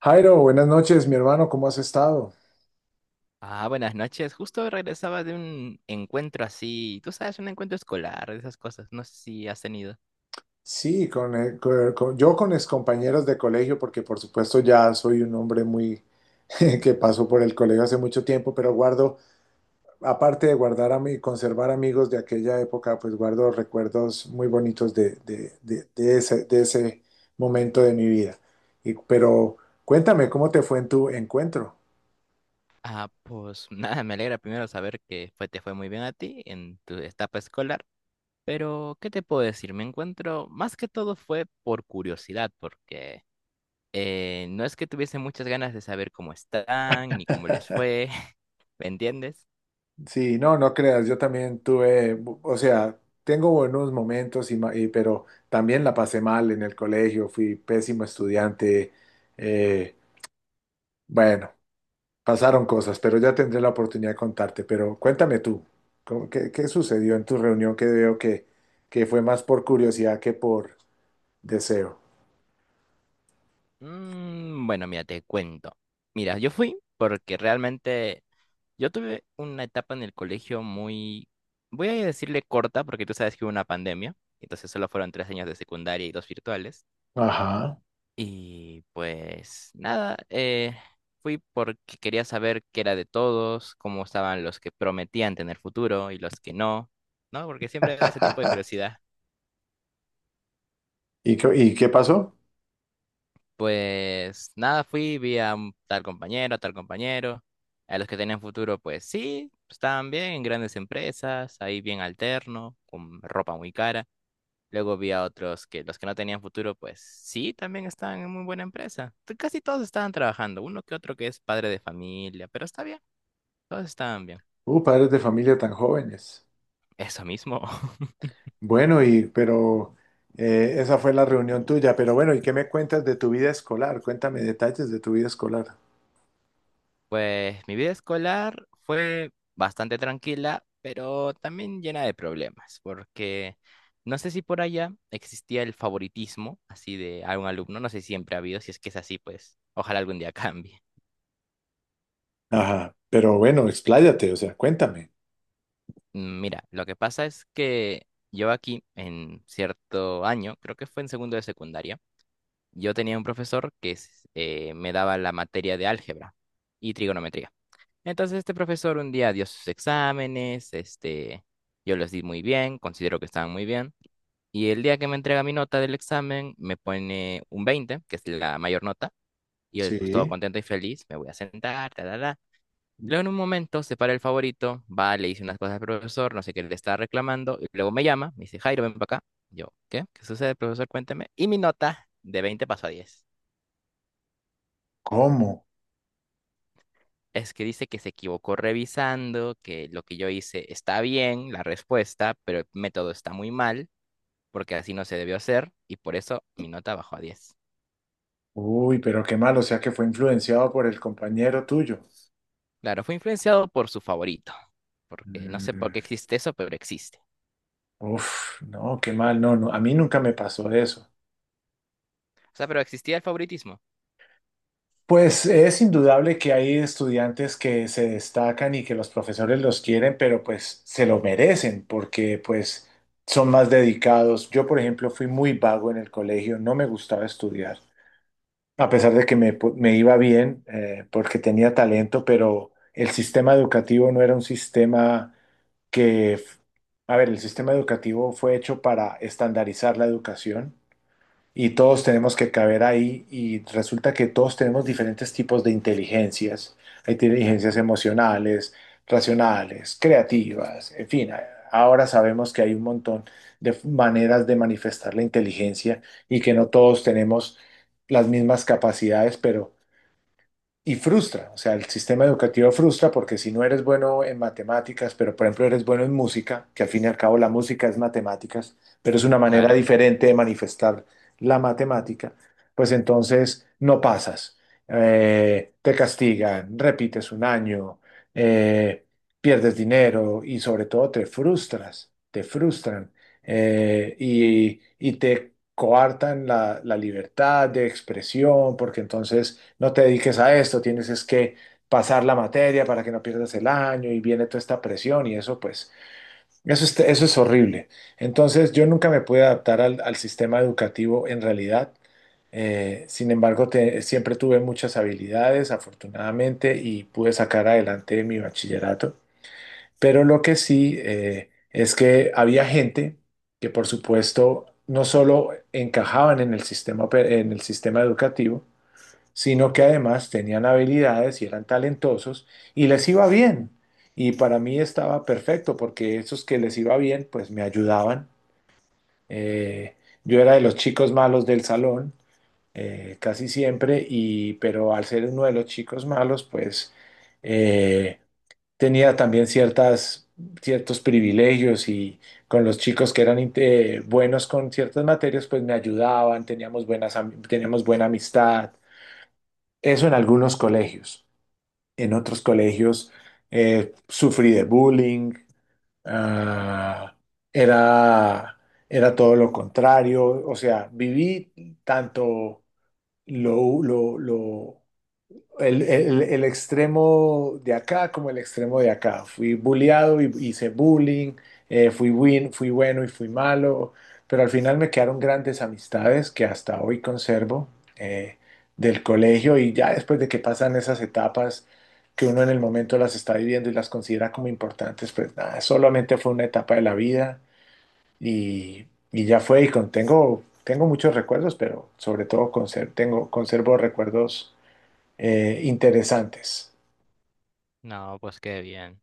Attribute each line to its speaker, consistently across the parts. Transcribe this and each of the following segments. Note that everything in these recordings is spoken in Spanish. Speaker 1: Jairo, buenas noches, mi hermano, ¿cómo has estado?
Speaker 2: Ah, buenas noches. Justo regresaba de un encuentro, así tú sabes, un encuentro escolar, esas cosas. No sé si has tenido.
Speaker 1: Sí, con, yo con mis compañeros de colegio, porque por supuesto ya soy un hombre muy que pasó por el colegio hace mucho tiempo, pero guardo, aparte de guardar a mí, conservar amigos de aquella época, pues guardo recuerdos muy bonitos de ese momento de mi vida. Pero cuéntame, ¿cómo te fue en tu encuentro?
Speaker 2: Ah, pues nada, me alegra primero saber que fue, te fue muy bien a ti en tu etapa escolar. Pero, ¿qué te puedo decir? Me encuentro, más que todo fue por curiosidad, porque no es que tuviese muchas ganas de saber cómo están, ni cómo les fue, ¿me entiendes?
Speaker 1: Sí, no, no creas, yo también tuve, o sea, tengo buenos momentos, pero también la pasé mal en el colegio, fui pésimo estudiante. eh, bueno, Pasaron cosas, pero ya tendré la oportunidad de contarte, pero cuéntame tú, qué, ¿qué sucedió en tu reunión que veo que fue más por curiosidad que por deseo?
Speaker 2: Mm, bueno, mira, te cuento. Mira, yo fui porque realmente yo tuve una etapa en el colegio muy, voy a decirle corta, porque tú sabes que hubo una pandemia, entonces solo fueron tres años de secundaria y dos virtuales.
Speaker 1: Ajá.
Speaker 2: Y pues nada, fui porque quería saber qué era de todos, cómo estaban los que prometían tener futuro y los que no, ¿no? Porque siempre da ese tipo de curiosidad.
Speaker 1: Y qué pasó?
Speaker 2: Pues nada, fui, vi a un tal compañero, a los que tenían futuro, pues sí, estaban bien en grandes empresas, ahí bien alterno, con ropa muy cara. Luego vi a otros que los que no tenían futuro, pues sí, también estaban en muy buena empresa. Casi todos estaban trabajando, uno que otro que es padre de familia, pero está bien, todos estaban bien.
Speaker 1: Padres de familia tan jóvenes.
Speaker 2: Eso mismo.
Speaker 1: Bueno, y pero esa fue la reunión tuya, pero bueno, ¿y qué me cuentas de tu vida escolar? Cuéntame detalles de tu vida escolar.
Speaker 2: Pues mi vida escolar fue bastante tranquila, pero también llena de problemas, porque no sé si por allá existía el favoritismo así de algún alumno, no sé si siempre ha habido, si es que es así, pues ojalá algún día cambie.
Speaker 1: Ajá, pero bueno, expláyate, o sea, cuéntame.
Speaker 2: Mm, mira, lo que pasa es que yo aquí en cierto año, creo que fue en segundo de secundaria, yo tenía un profesor que me daba la materia de álgebra y trigonometría. Entonces este profesor un día dio sus exámenes, este, yo los di muy bien, considero que estaban muy bien, y el día que me entrega mi nota del examen me pone un 20, que es la mayor nota, y yo pues todo
Speaker 1: Sí.
Speaker 2: contento y feliz, me voy a sentar, tal. Luego en un momento se para el favorito, va, le dice unas cosas al profesor, no sé qué le está reclamando, y luego me llama, me dice, Jairo, ven para acá. Yo, ¿qué? ¿Qué sucede, profesor? Cuénteme. Y mi nota de veinte pasó a diez.
Speaker 1: ¿Cómo?
Speaker 2: Es que dice que se equivocó revisando, que lo que yo hice está bien, la respuesta, pero el método está muy mal, porque así no se debió hacer, y por eso mi nota bajó a diez.
Speaker 1: Uy, pero qué mal, o sea que fue influenciado por el compañero tuyo.
Speaker 2: Claro, fue influenciado por su favorito, porque no sé por qué
Speaker 1: Mm,
Speaker 2: existe eso, pero existe.
Speaker 1: uf, no, qué mal, no, no, a mí nunca me pasó eso.
Speaker 2: O sea, pero existía el favoritismo.
Speaker 1: Pues es indudable que hay estudiantes que se destacan y que los profesores los quieren, pero pues se lo merecen porque pues son más dedicados. Yo, por ejemplo, fui muy vago en el colegio, no me gustaba estudiar, a pesar de que me iba bien, porque tenía talento, pero el sistema educativo no era un sistema que, a ver, el sistema educativo fue hecho para estandarizar la educación y todos tenemos que caber ahí y resulta que todos tenemos diferentes tipos de inteligencias. Hay inteligencias
Speaker 2: Claro,
Speaker 1: emocionales, racionales, creativas, en fin, ahora sabemos que hay un montón de maneras de manifestar la inteligencia y que no todos tenemos las mismas capacidades, pero y frustra, o sea, el sistema educativo frustra porque si no eres bueno en matemáticas, pero por ejemplo eres bueno en música, que al fin y al cabo la música es matemáticas, pero es una manera
Speaker 2: claro.
Speaker 1: diferente de manifestar la matemática, pues entonces no pasas, te castigan, repites un año, eh, pierdes dinero y sobre todo te frustras, te frustran, y te coartan la libertad de expresión porque entonces no te dediques a esto, tienes es que pasar la materia para que no pierdas el año y viene toda esta presión y eso pues, eso es horrible. Entonces yo nunca me pude adaptar al, al sistema educativo en realidad. Sin embargo, siempre tuve muchas habilidades, afortunadamente, y pude sacar adelante mi bachillerato. Pero lo que sí, es que había gente que, por supuesto, no solo encajaban en el sistema, en el sistema educativo, sino que además tenían habilidades y eran talentosos y les iba bien. Y para mí estaba perfecto porque esos que les iba bien, pues me ayudaban. Eh, yo era de los chicos malos del salón, casi siempre, y, pero al ser uno de los chicos malos, pues eh, tenía también ciertas, ciertos privilegios y con los chicos que eran buenos con ciertas materias, pues me ayudaban, teníamos buenas, teníamos buena amistad. Eso en algunos colegios, en otros colegios, sufrí de bullying, ah, era, era todo lo contrario, o sea, viví tanto lo el extremo de acá como el extremo de acá. Fui bulleado y hice bullying, fui, win, fui bueno y fui malo, pero al final me quedaron grandes amistades que hasta hoy conservo eh, del colegio y ya después de que pasan esas etapas que uno en el momento las está viviendo y las considera como importantes, pues nada, solamente fue una etapa de la vida y, y ya fue y con, tengo, tengo muchos recuerdos, pero sobre todo tengo, conservo recuerdos interesantes.
Speaker 2: No, pues qué bien.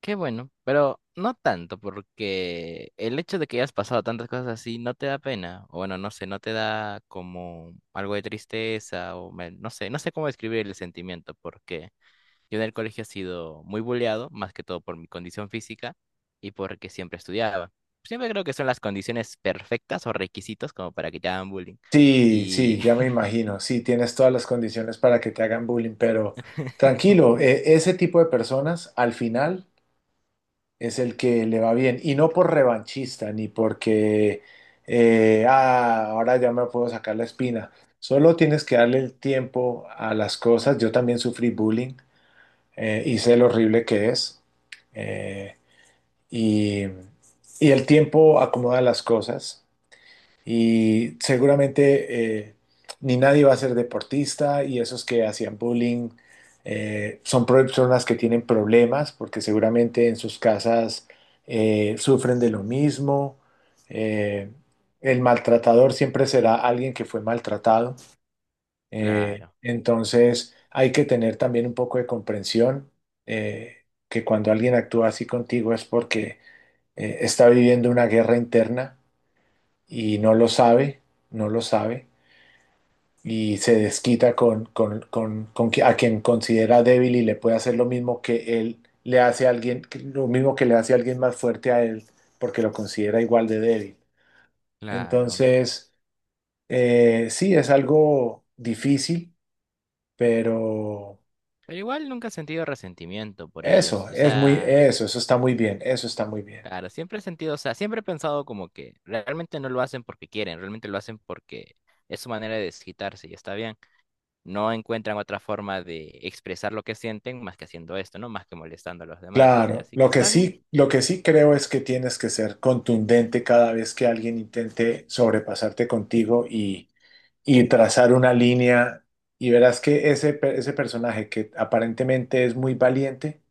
Speaker 2: Qué bueno, pero no tanto, porque el hecho de que hayas pasado tantas cosas así no te da pena, o bueno, no sé, no te da como algo de tristeza, no sé, no sé cómo describir el sentimiento, porque yo en el colegio he sido muy bulleado, más que todo por mi condición física y porque siempre estudiaba. Siempre creo que son las condiciones perfectas o requisitos como para que te hagan bullying.
Speaker 1: Sí,
Speaker 2: Y
Speaker 1: sí, ya me imagino. Sí, tienes todas las condiciones para que te hagan bullying, pero tranquilo, ese tipo de personas al final es el que le va bien. Y no por revanchista, ni porque, ahora ya me puedo sacar la espina. Solo tienes que darle el tiempo a las cosas. Yo también sufrí bullying, y sé lo horrible que es. Eh, y, y el tiempo acomoda las cosas. Y seguramente ni nadie va a ser deportista y esos que hacían bullying, son personas que tienen problemas porque seguramente en sus casas sufren de lo mismo. Eh, el maltratador siempre será alguien que fue maltratado.
Speaker 2: claro,
Speaker 1: Entonces hay que tener también un poco de comprensión, que cuando alguien actúa así contigo es porque está viviendo una guerra interna y no lo sabe, no lo sabe, y se desquita con a quien considera débil y le puede hacer lo mismo que él le hace a alguien, lo mismo que le hace a alguien más fuerte a él, porque lo considera igual de débil.
Speaker 2: claro.
Speaker 1: Entonces, sí, es algo difícil, pero
Speaker 2: Pero igual nunca he sentido resentimiento por ellos.
Speaker 1: eso,
Speaker 2: O
Speaker 1: es muy,
Speaker 2: sea,
Speaker 1: eso está muy bien, eso está muy bien.
Speaker 2: claro, siempre he sentido, o sea, siempre he pensado como que realmente no lo hacen porque quieren, realmente lo hacen porque es su manera de desquitarse y está bien. No encuentran otra forma de expresar lo que sienten más que haciendo esto, ¿no? Más que molestando a los demás. Y
Speaker 1: Claro,
Speaker 2: así que está bien.
Speaker 1: lo que sí creo es que tienes que ser contundente cada vez que alguien intente sobrepasarte contigo y trazar una línea y verás que ese, ese personaje que aparentemente es muy valiente,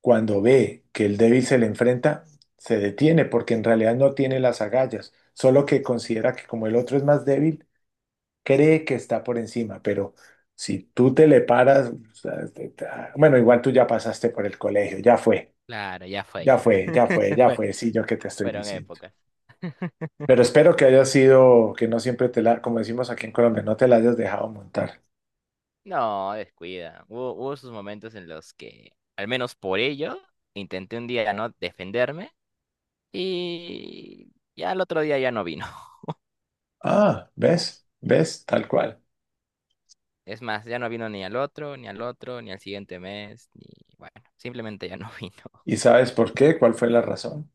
Speaker 1: cuando ve que el débil se le enfrenta, se detiene porque en realidad no tiene las agallas, solo que considera que como el otro es más débil, cree que está por encima, pero si tú te le paras, o sea, bueno, igual tú ya pasaste por el colegio, ya fue.
Speaker 2: Claro, ya fue
Speaker 1: Ya
Speaker 2: ya.
Speaker 1: fue, ya fue, ya
Speaker 2: Fue,
Speaker 1: fue, sí, yo que te estoy
Speaker 2: fueron
Speaker 1: diciendo.
Speaker 2: épocas.
Speaker 1: Pero espero que haya sido, que no siempre te la, como decimos aquí en Colombia, no te la hayas dejado montar.
Speaker 2: No, descuida. Hubo, hubo sus momentos en los que, al menos por ello, intenté un día no defenderme y ya el otro día ya no vino.
Speaker 1: Ah, ¿ves? ¿Ves? Tal cual.
Speaker 2: Es más, ya no vino ni al otro, ni al otro, ni al siguiente mes, ni bueno, simplemente ya no vino.
Speaker 1: ¿Y sabes por qué? ¿Cuál fue la razón?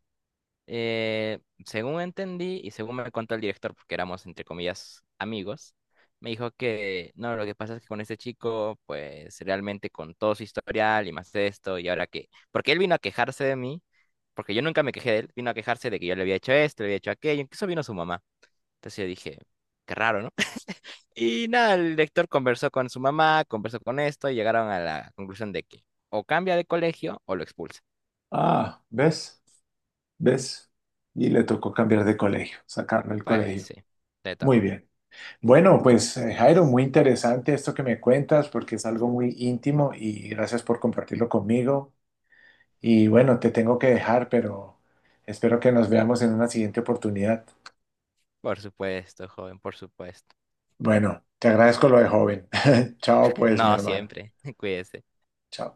Speaker 2: Eh, Según entendí y según me contó el director, porque éramos entre comillas amigos, me dijo que no, lo que pasa es que con este chico, pues realmente con todo su historial y más esto, y ahora que, porque él vino a quejarse de mí, porque yo nunca me quejé de él, vino a quejarse de que yo le había hecho esto, le había hecho aquello, incluso vino su mamá. Entonces yo dije, qué raro, ¿no? Y nada, el lector conversó con su mamá, conversó con esto y llegaron a la conclusión de que o cambia de colegio o lo expulsa.
Speaker 1: Ah, ¿ves? ¿Ves? Y le tocó cambiar de colegio, sacarlo del
Speaker 2: Pues
Speaker 1: colegio.
Speaker 2: sí, le
Speaker 1: Muy
Speaker 2: tocó.
Speaker 1: bien. Bueno, pues Jairo, muy interesante esto que me cuentas porque es algo muy íntimo y gracias por compartirlo conmigo. Y bueno, te tengo que dejar, pero espero que nos veamos en una siguiente oportunidad.
Speaker 2: Por supuesto, joven, por supuesto.
Speaker 1: Bueno, te agradezco lo de joven. Chao, pues, mi
Speaker 2: No
Speaker 1: hermano.
Speaker 2: siempre, cuídese.
Speaker 1: Chao.